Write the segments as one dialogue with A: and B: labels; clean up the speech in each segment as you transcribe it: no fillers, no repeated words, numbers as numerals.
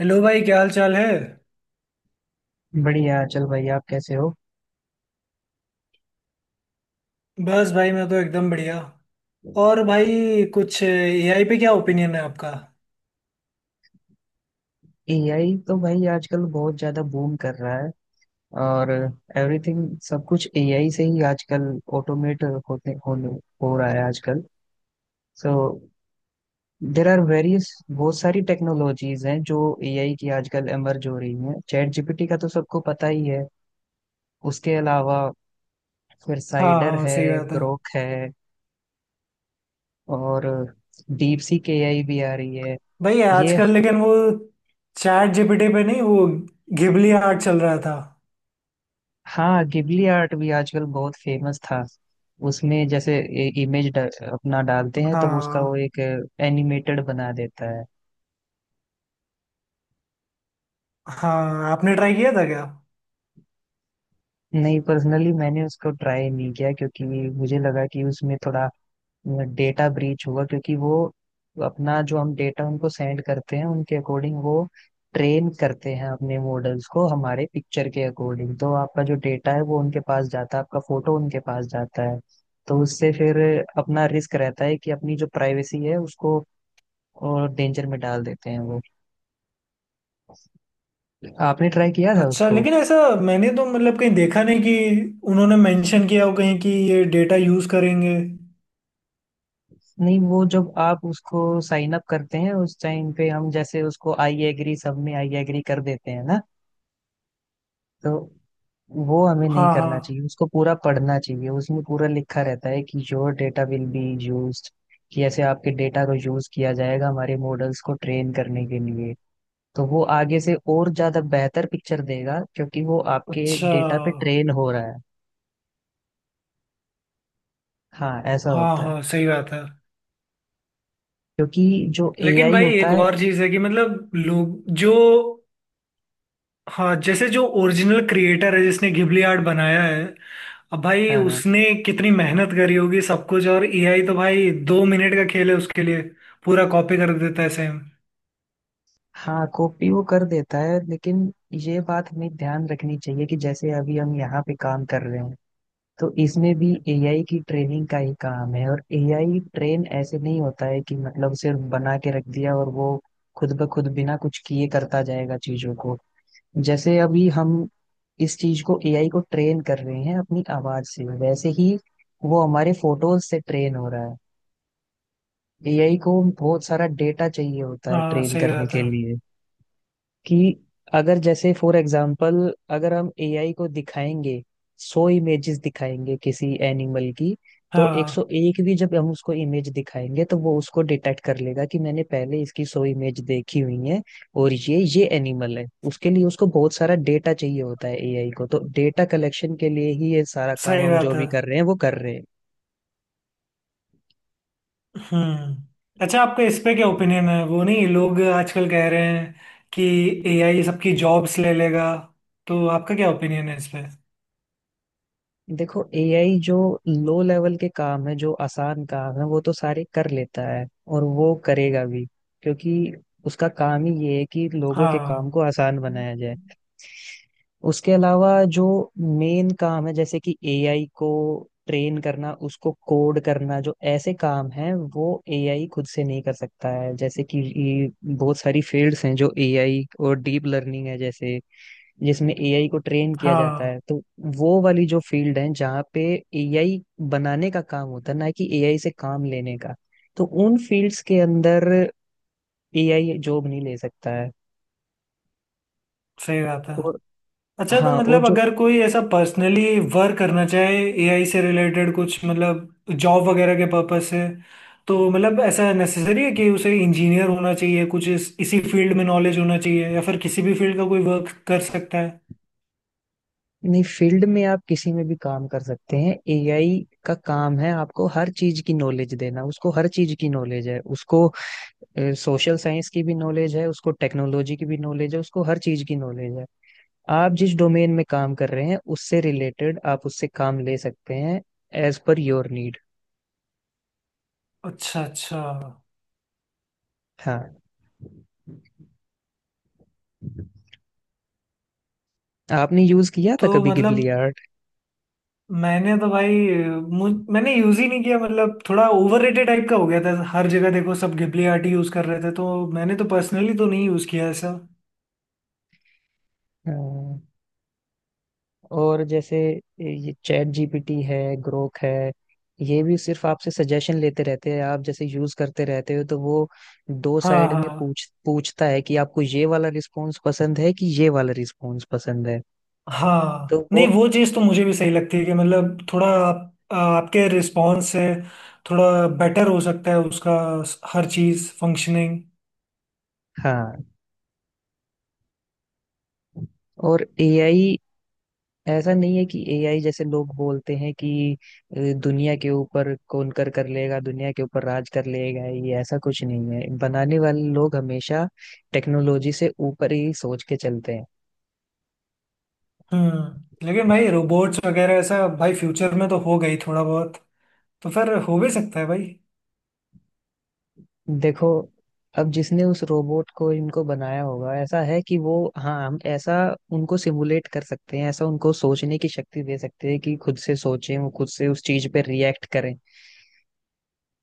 A: Hello भाई, क्या हाल चाल है।
B: बढ़िया चल भाई। आप कैसे हो।
A: बस भाई, मैं तो एकदम बढ़िया। और भाई, कुछ एआई पे क्या ओपिनियन है आपका।
B: एआई तो भाई आजकल बहुत ज्यादा बूम कर रहा है और एवरीथिंग सब कुछ एआई से ही आजकल ऑटोमेट होते होने हो रहा है आजकल। सो देर आर वेरियस बहुत सारी टेक्नोलॉजीज हैं जो एआई की आजकल एमर्ज हो रही हैं। चैट जीपीटी का तो सबको पता ही है। उसके अलावा फिर
A: हाँ
B: साइडर
A: हाँ,
B: है,
A: सही बात है।
B: ग्रोक है, और डीप सीक एआई भी आ रही है।
A: भाई
B: ये
A: आजकल लेकिन वो चैट जीपीटी पे नहीं, वो घिबली आर्ट चल रहा था।
B: हाँ, गिबली आर्ट भी आजकल बहुत फेमस था। उसमें जैसे इमेज अपना डालते हैं तो वो उसका वो
A: हाँ
B: एक एनिमेटेड बना देता है।
A: हाँ, आपने ट्राई किया था क्या।
B: नहीं, पर्सनली मैंने उसको ट्राई नहीं किया क्योंकि मुझे लगा कि उसमें थोड़ा डेटा ब्रीच हुआ, क्योंकि वो अपना जो हम डेटा उनको सेंड करते हैं उनके अकॉर्डिंग वो ट्रेन करते हैं अपने मॉडल्स को हमारे पिक्चर के अकॉर्डिंग। तो आपका जो डेटा है वो उनके पास जाता है, आपका फोटो उनके पास जाता है। तो उससे फिर अपना रिस्क रहता है कि अपनी जो प्राइवेसी है उसको और डेंजर में डाल देते हैं वो। आपने ट्राई किया था
A: अच्छा,
B: उसको।
A: लेकिन ऐसा मैंने तो मतलब कहीं देखा नहीं कि उन्होंने मेंशन किया हो कहीं कि ये डेटा यूज करेंगे।
B: नहीं, वो जब आप उसको साइन अप करते हैं उस टाइम पे हम जैसे उसको आई एग्री, सब में आई एग्री कर देते हैं ना। तो वो हमें नहीं
A: हाँ
B: करना
A: हाँ।
B: चाहिए, उसको पूरा पढ़ना चाहिए। उसमें पूरा लिखा रहता है कि your data will be used, कि ऐसे आपके डेटा को यूज किया जाएगा हमारे मॉडल्स को ट्रेन करने के लिए। तो वो आगे से और ज्यादा बेहतर पिक्चर देगा क्योंकि वो आपके
A: अच्छा।
B: डेटा पे ट्रेन हो रहा है। हाँ, ऐसा
A: हाँ
B: होता है
A: हाँ, सही बात है।
B: क्योंकि जो
A: लेकिन
B: एआई
A: भाई
B: होता
A: एक
B: है।
A: और चीज है कि मतलब लोग जो, हाँ जैसे जो ओरिजिनल क्रिएटर है जिसने घिबली आर्ट बनाया है, अब भाई
B: हाँ
A: उसने कितनी मेहनत करी होगी सब कुछ, और एआई तो भाई दो मिनट का खेल है उसके लिए। पूरा कॉपी कर देता है सेम।
B: हाँ, कॉपी वो कर देता है लेकिन ये बात हमें ध्यान रखनी चाहिए कि जैसे अभी हम यहाँ पे काम कर रहे हैं तो इसमें भी एआई की ट्रेनिंग का ही काम है। और एआई ट्रेन ऐसे नहीं होता है कि मतलब सिर्फ बना के रख दिया और वो खुद ब खुद बिना कुछ किए करता जाएगा चीजों को। जैसे अभी हम इस चीज को एआई को ट्रेन कर रहे हैं अपनी आवाज से, वैसे ही वो हमारे फोटोज से ट्रेन हो रहा है। एआई को बहुत सारा डेटा चाहिए होता है
A: हाँ,
B: ट्रेन
A: सही
B: करने
A: बात है।
B: के लिए कि अगर जैसे फॉर एग्जाम्पल अगर हम एआई को दिखाएंगे 100 इमेजेस दिखाएंगे किसी एनिमल की, तो
A: हाँ,
B: 101 भी जब हम उसको इमेज दिखाएंगे तो वो उसको डिटेक्ट कर लेगा कि मैंने पहले इसकी 100 इमेज देखी हुई है और ये एनिमल है। उसके लिए उसको बहुत सारा डेटा चाहिए होता है एआई को, तो डेटा कलेक्शन के लिए ही ये सारा काम
A: सही
B: हम जो
A: बात है।
B: भी कर रहे हैं वो कर रहे हैं।
A: हम्म। अच्छा, आपका इस पे क्या ओपिनियन है, वो नहीं लोग आजकल कह रहे हैं कि एआई सबकी जॉब्स ले लेगा, तो आपका क्या ओपिनियन है इस पे।
B: देखो, एआई जो लो लेवल के काम है, जो आसान काम है वो तो सारे कर लेता है और वो करेगा भी, क्योंकि उसका काम ही ये है कि लोगों के काम
A: हाँ
B: को आसान बनाया जाए। उसके अलावा जो मेन काम है, जैसे कि एआई को ट्रेन करना, उसको कोड करना, जो ऐसे काम हैं वो एआई खुद से नहीं कर सकता है। जैसे कि ये बहुत सारी फील्ड्स हैं जो एआई और डीप लर्निंग है, जैसे जिसमें एआई को ट्रेन किया जाता
A: हाँ,
B: है, तो वो वाली जो फील्ड है जहाँ पे एआई बनाने का काम होता है, ना कि एआई से काम लेने का, तो उन फील्ड्स के अंदर एआई जॉब नहीं ले सकता है।
A: सही बात है।
B: और
A: अच्छा, तो
B: हाँ और
A: मतलब
B: जो
A: अगर कोई ऐसा पर्सनली वर्क करना चाहे एआई से रिलेटेड कुछ मतलब जॉब वगैरह के पर्पज से, तो मतलब ऐसा नेसेसरी है कि उसे इंजीनियर होना चाहिए कुछ इसी फील्ड में नॉलेज होना चाहिए, या फिर किसी भी फील्ड का कोई वर्क कर सकता है।
B: नहीं, फील्ड में आप किसी में भी काम कर सकते हैं। एआई का काम है आपको हर चीज की नॉलेज देना, उसको हर चीज की नॉलेज है। उसको सोशल साइंस की भी नॉलेज है, उसको टेक्नोलॉजी की भी नॉलेज है, उसको हर चीज की नॉलेज है। आप जिस डोमेन में काम कर रहे हैं उससे रिलेटेड आप उससे काम ले सकते हैं एज पर योर नीड।
A: अच्छा अच्छा।
B: हाँ। आपने यूज किया था
A: तो
B: कभी गिबली
A: मतलब
B: आर्ट।
A: मैंने तो भाई, मुझ मैंने यूज ही नहीं किया, मतलब थोड़ा ओवररेटेड टाइप का हो गया था, हर जगह देखो सब घिबली आर्ट यूज कर रहे थे, तो मैंने तो पर्सनली तो नहीं यूज किया ऐसा।
B: और जैसे ये चैट जीपीटी है, ग्रोक है, ये भी सिर्फ आपसे सजेशन लेते रहते हैं। आप जैसे यूज करते रहते हो तो वो दो
A: हाँ
B: साइड में
A: हाँ।
B: पूछता है कि आपको ये वाला रिस्पॉन्स पसंद है कि ये वाला रिस्पॉन्स पसंद है।
A: हाँ
B: तो
A: नहीं,
B: वो
A: वो चीज़ तो मुझे भी सही लगती है कि मतलब थोड़ा आपके रिस्पॉन्स से थोड़ा बेटर हो सकता है उसका, हर चीज़ फंक्शनिंग।
B: हाँ। और एआई ऐसा नहीं है कि एआई जैसे लोग बोलते हैं कि अ, दुनिया के ऊपर कौनकर कर लेगा, दुनिया के ऊपर राज कर लेगा। ये ऐसा कुछ नहीं है, बनाने वाले लोग हमेशा टेक्नोलॉजी से ऊपर ही सोच के चलते हैं।
A: हम्म, लेकिन भाई रोबोट्स वगैरह ऐसा भाई फ्यूचर में तो हो गई थोड़ा बहुत, तो फिर हो भी सकता है भाई।
B: देखो, अब जिसने उस रोबोट को इनको बनाया होगा ऐसा है कि वो हाँ, हम ऐसा उनको सिमुलेट कर सकते हैं, ऐसा उनको सोचने की शक्ति दे सकते हैं कि खुद से सोचें, वो खुद से उस चीज पे रिएक्ट करें।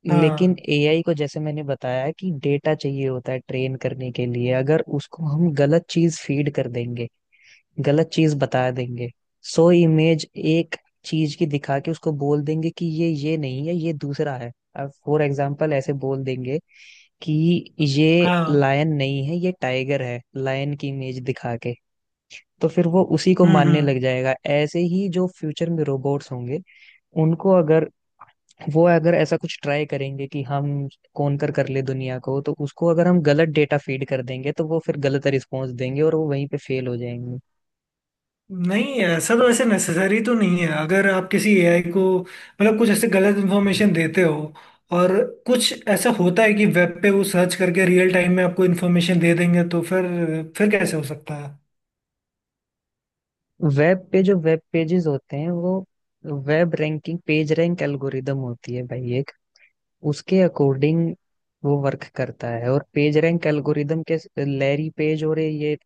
B: लेकिन
A: हाँ
B: एआई को, जैसे मैंने बताया कि डेटा चाहिए होता है ट्रेन करने के लिए, अगर उसको हम गलत चीज फीड कर देंगे, गलत चीज बता देंगे, सो इमेज एक चीज की दिखा के उसको बोल देंगे कि ये नहीं है ये दूसरा है। अब फॉर एग्जाम्पल ऐसे बोल देंगे कि ये
A: हाँ।
B: लायन नहीं है ये टाइगर है, लायन की इमेज दिखा के, तो फिर वो उसी को
A: हम्म
B: मानने
A: हम्म
B: लग जाएगा। ऐसे ही जो फ्यूचर में रोबोट्स होंगे, उनको अगर, वो अगर ऐसा कुछ ट्राई करेंगे कि हम कौन कर कर ले दुनिया को, तो उसको अगर हम गलत डेटा फीड कर देंगे तो वो फिर गलत रिस्पॉन्स देंगे और वो वहीं पे फेल हो जाएंगे।
A: नहीं ऐसा तो ऐसे नेसेसरी तो नहीं है, अगर आप किसी एआई को मतलब कुछ ऐसे गलत इन्फॉर्मेशन देते हो, और कुछ ऐसा होता है कि वेब पे वो सर्च करके रियल टाइम में आपको इन्फॉर्मेशन दे देंगे, तो फिर कैसे हो सकता है।
B: वेब पे जो वेब पेजेस होते हैं वो web ranking, page rank algorithm होती है भाई एक, उसके अकॉर्डिंग वो वर्क करता है। और पेज रैंक एल्गोरिदम के लैरी पेज और ये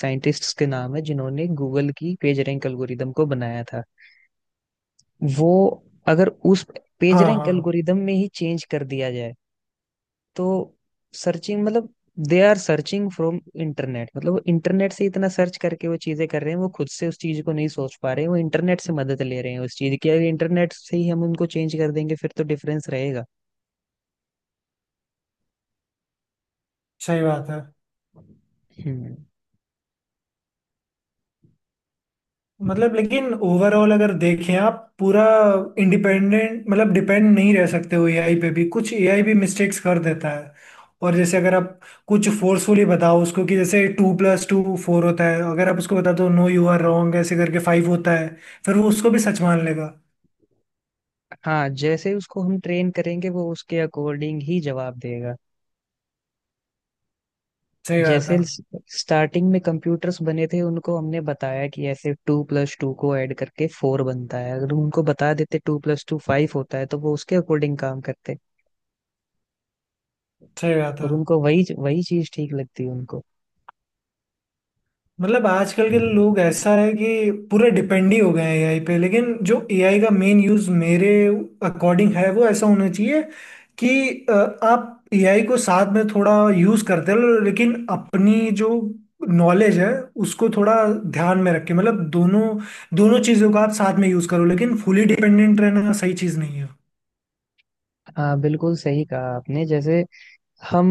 B: साइंटिस्ट्स के नाम है जिन्होंने गूगल की पेज रैंक एल्गोरिदम को बनाया था। वो अगर उस पेज
A: हाँ
B: रैंक
A: हाँ,
B: एल्गोरिदम में ही चेंज कर दिया जाए तो सर्चिंग मतलब they are searching from internet, मतलब वो इंटरनेट से इतना सर्च करके वो चीजें कर रहे हैं, वो खुद से उस चीज को नहीं सोच पा रहे हैं, वो इंटरनेट से मदद ले रहे हैं उस चीज की। अगर इंटरनेट से ही हम उनको चेंज कर देंगे फिर तो डिफरेंस रहेगा।
A: सही बात है।
B: हम्म।
A: मतलब लेकिन ओवरऑल अगर देखें, आप पूरा इंडिपेंडेंट मतलब डिपेंड नहीं रह सकते हो एआई पे भी, कुछ एआई भी मिस्टेक्स कर देता है। और जैसे अगर आप कुछ फोर्सफुली बताओ उसको, कि जैसे टू प्लस टू फोर होता है, अगर आप उसको बता दो नो यू आर रॉन्ग ऐसे करके फाइव होता है, फिर वो उसको भी सच मान लेगा।
B: हाँ, जैसे उसको हम ट्रेन करेंगे वो उसके अकॉर्डिंग ही जवाब देगा।
A: सही बात
B: जैसे
A: है।
B: स्टार्टिंग में कंप्यूटर्स बने थे, उनको हमने बताया कि ऐसे 2 प्लस 2 को ऐड करके 4 बनता है। अगर उनको बता देते 2 प्लस 2 5 होता है तो वो उसके अकॉर्डिंग काम करते।
A: सही बात है।
B: और उनको वही वही चीज ठीक लगती है उनको।
A: मतलब आजकल के लोग ऐसा है कि पूरे डिपेंड ही हो गए हैं एआई पे, लेकिन जो एआई का मेन यूज मेरे अकॉर्डिंग है वो ऐसा होना चाहिए कि अ, आप एआई को साथ में थोड़ा यूज करते रहो, लेकिन अपनी जो नॉलेज है उसको थोड़ा ध्यान में रखें, मतलब दोनों दोनों चीजों का आप साथ में यूज करो, लेकिन फुली डिपेंडेंट रहना सही चीज नहीं है।
B: हाँ, बिल्कुल सही कहा आपने। जैसे हम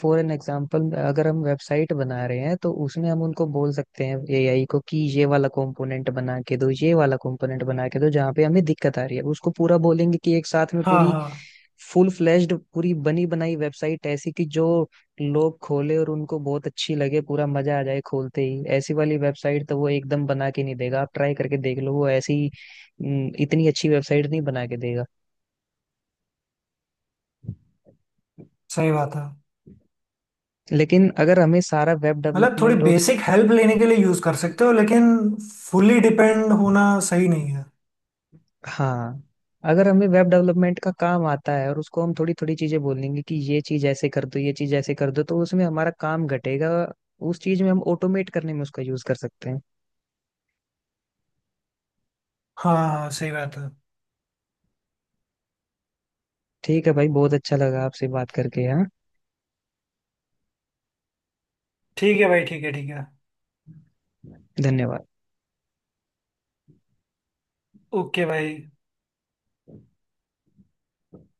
B: फॉर एन एग्जाम्पल अगर हम वेबसाइट बना रहे हैं तो उसमें हम उनको बोल सकते हैं एआई को कि ये वाला कंपोनेंट बना के दो, ये वाला कंपोनेंट बना के दो जहाँ पे हमें दिक्कत आ रही है। उसको पूरा बोलेंगे कि एक साथ में
A: हाँ
B: पूरी
A: हाँ,
B: फुल फ्लेश्ड पूरी बनी बनाई वेबसाइट, ऐसी कि जो लोग खोले और उनको बहुत अच्छी लगे, पूरा मजा आ जाए खोलते ही, ऐसी वाली वेबसाइट तो वो एकदम बना के नहीं देगा। आप ट्राई करके देख लो, वो ऐसी इतनी अच्छी वेबसाइट नहीं बना के देगा।
A: सही बात है।
B: लेकिन अगर हमें सारा वेब
A: मतलब थोड़ी
B: डेवलपमेंट और
A: बेसिक हेल्प लेने के लिए यूज कर सकते हो, लेकिन फुली डिपेंड होना सही नहीं है।
B: हाँ, अगर हमें वेब डेवलपमेंट का काम आता है और उसको हम थोड़ी थोड़ी चीजें बोलेंगे कि ये चीज ऐसे कर दो, ये चीज ऐसे कर दो, तो उसमें हमारा काम घटेगा। उस चीज में हम ऑटोमेट करने में उसका यूज कर सकते हैं।
A: हाँ हाँ, सही बात है।
B: ठीक है भाई, बहुत अच्छा लगा आपसे बात करके। हाँ,
A: ठीक है भाई, ठीक है, ठीक है।
B: धन्यवाद।
A: ओके भाई।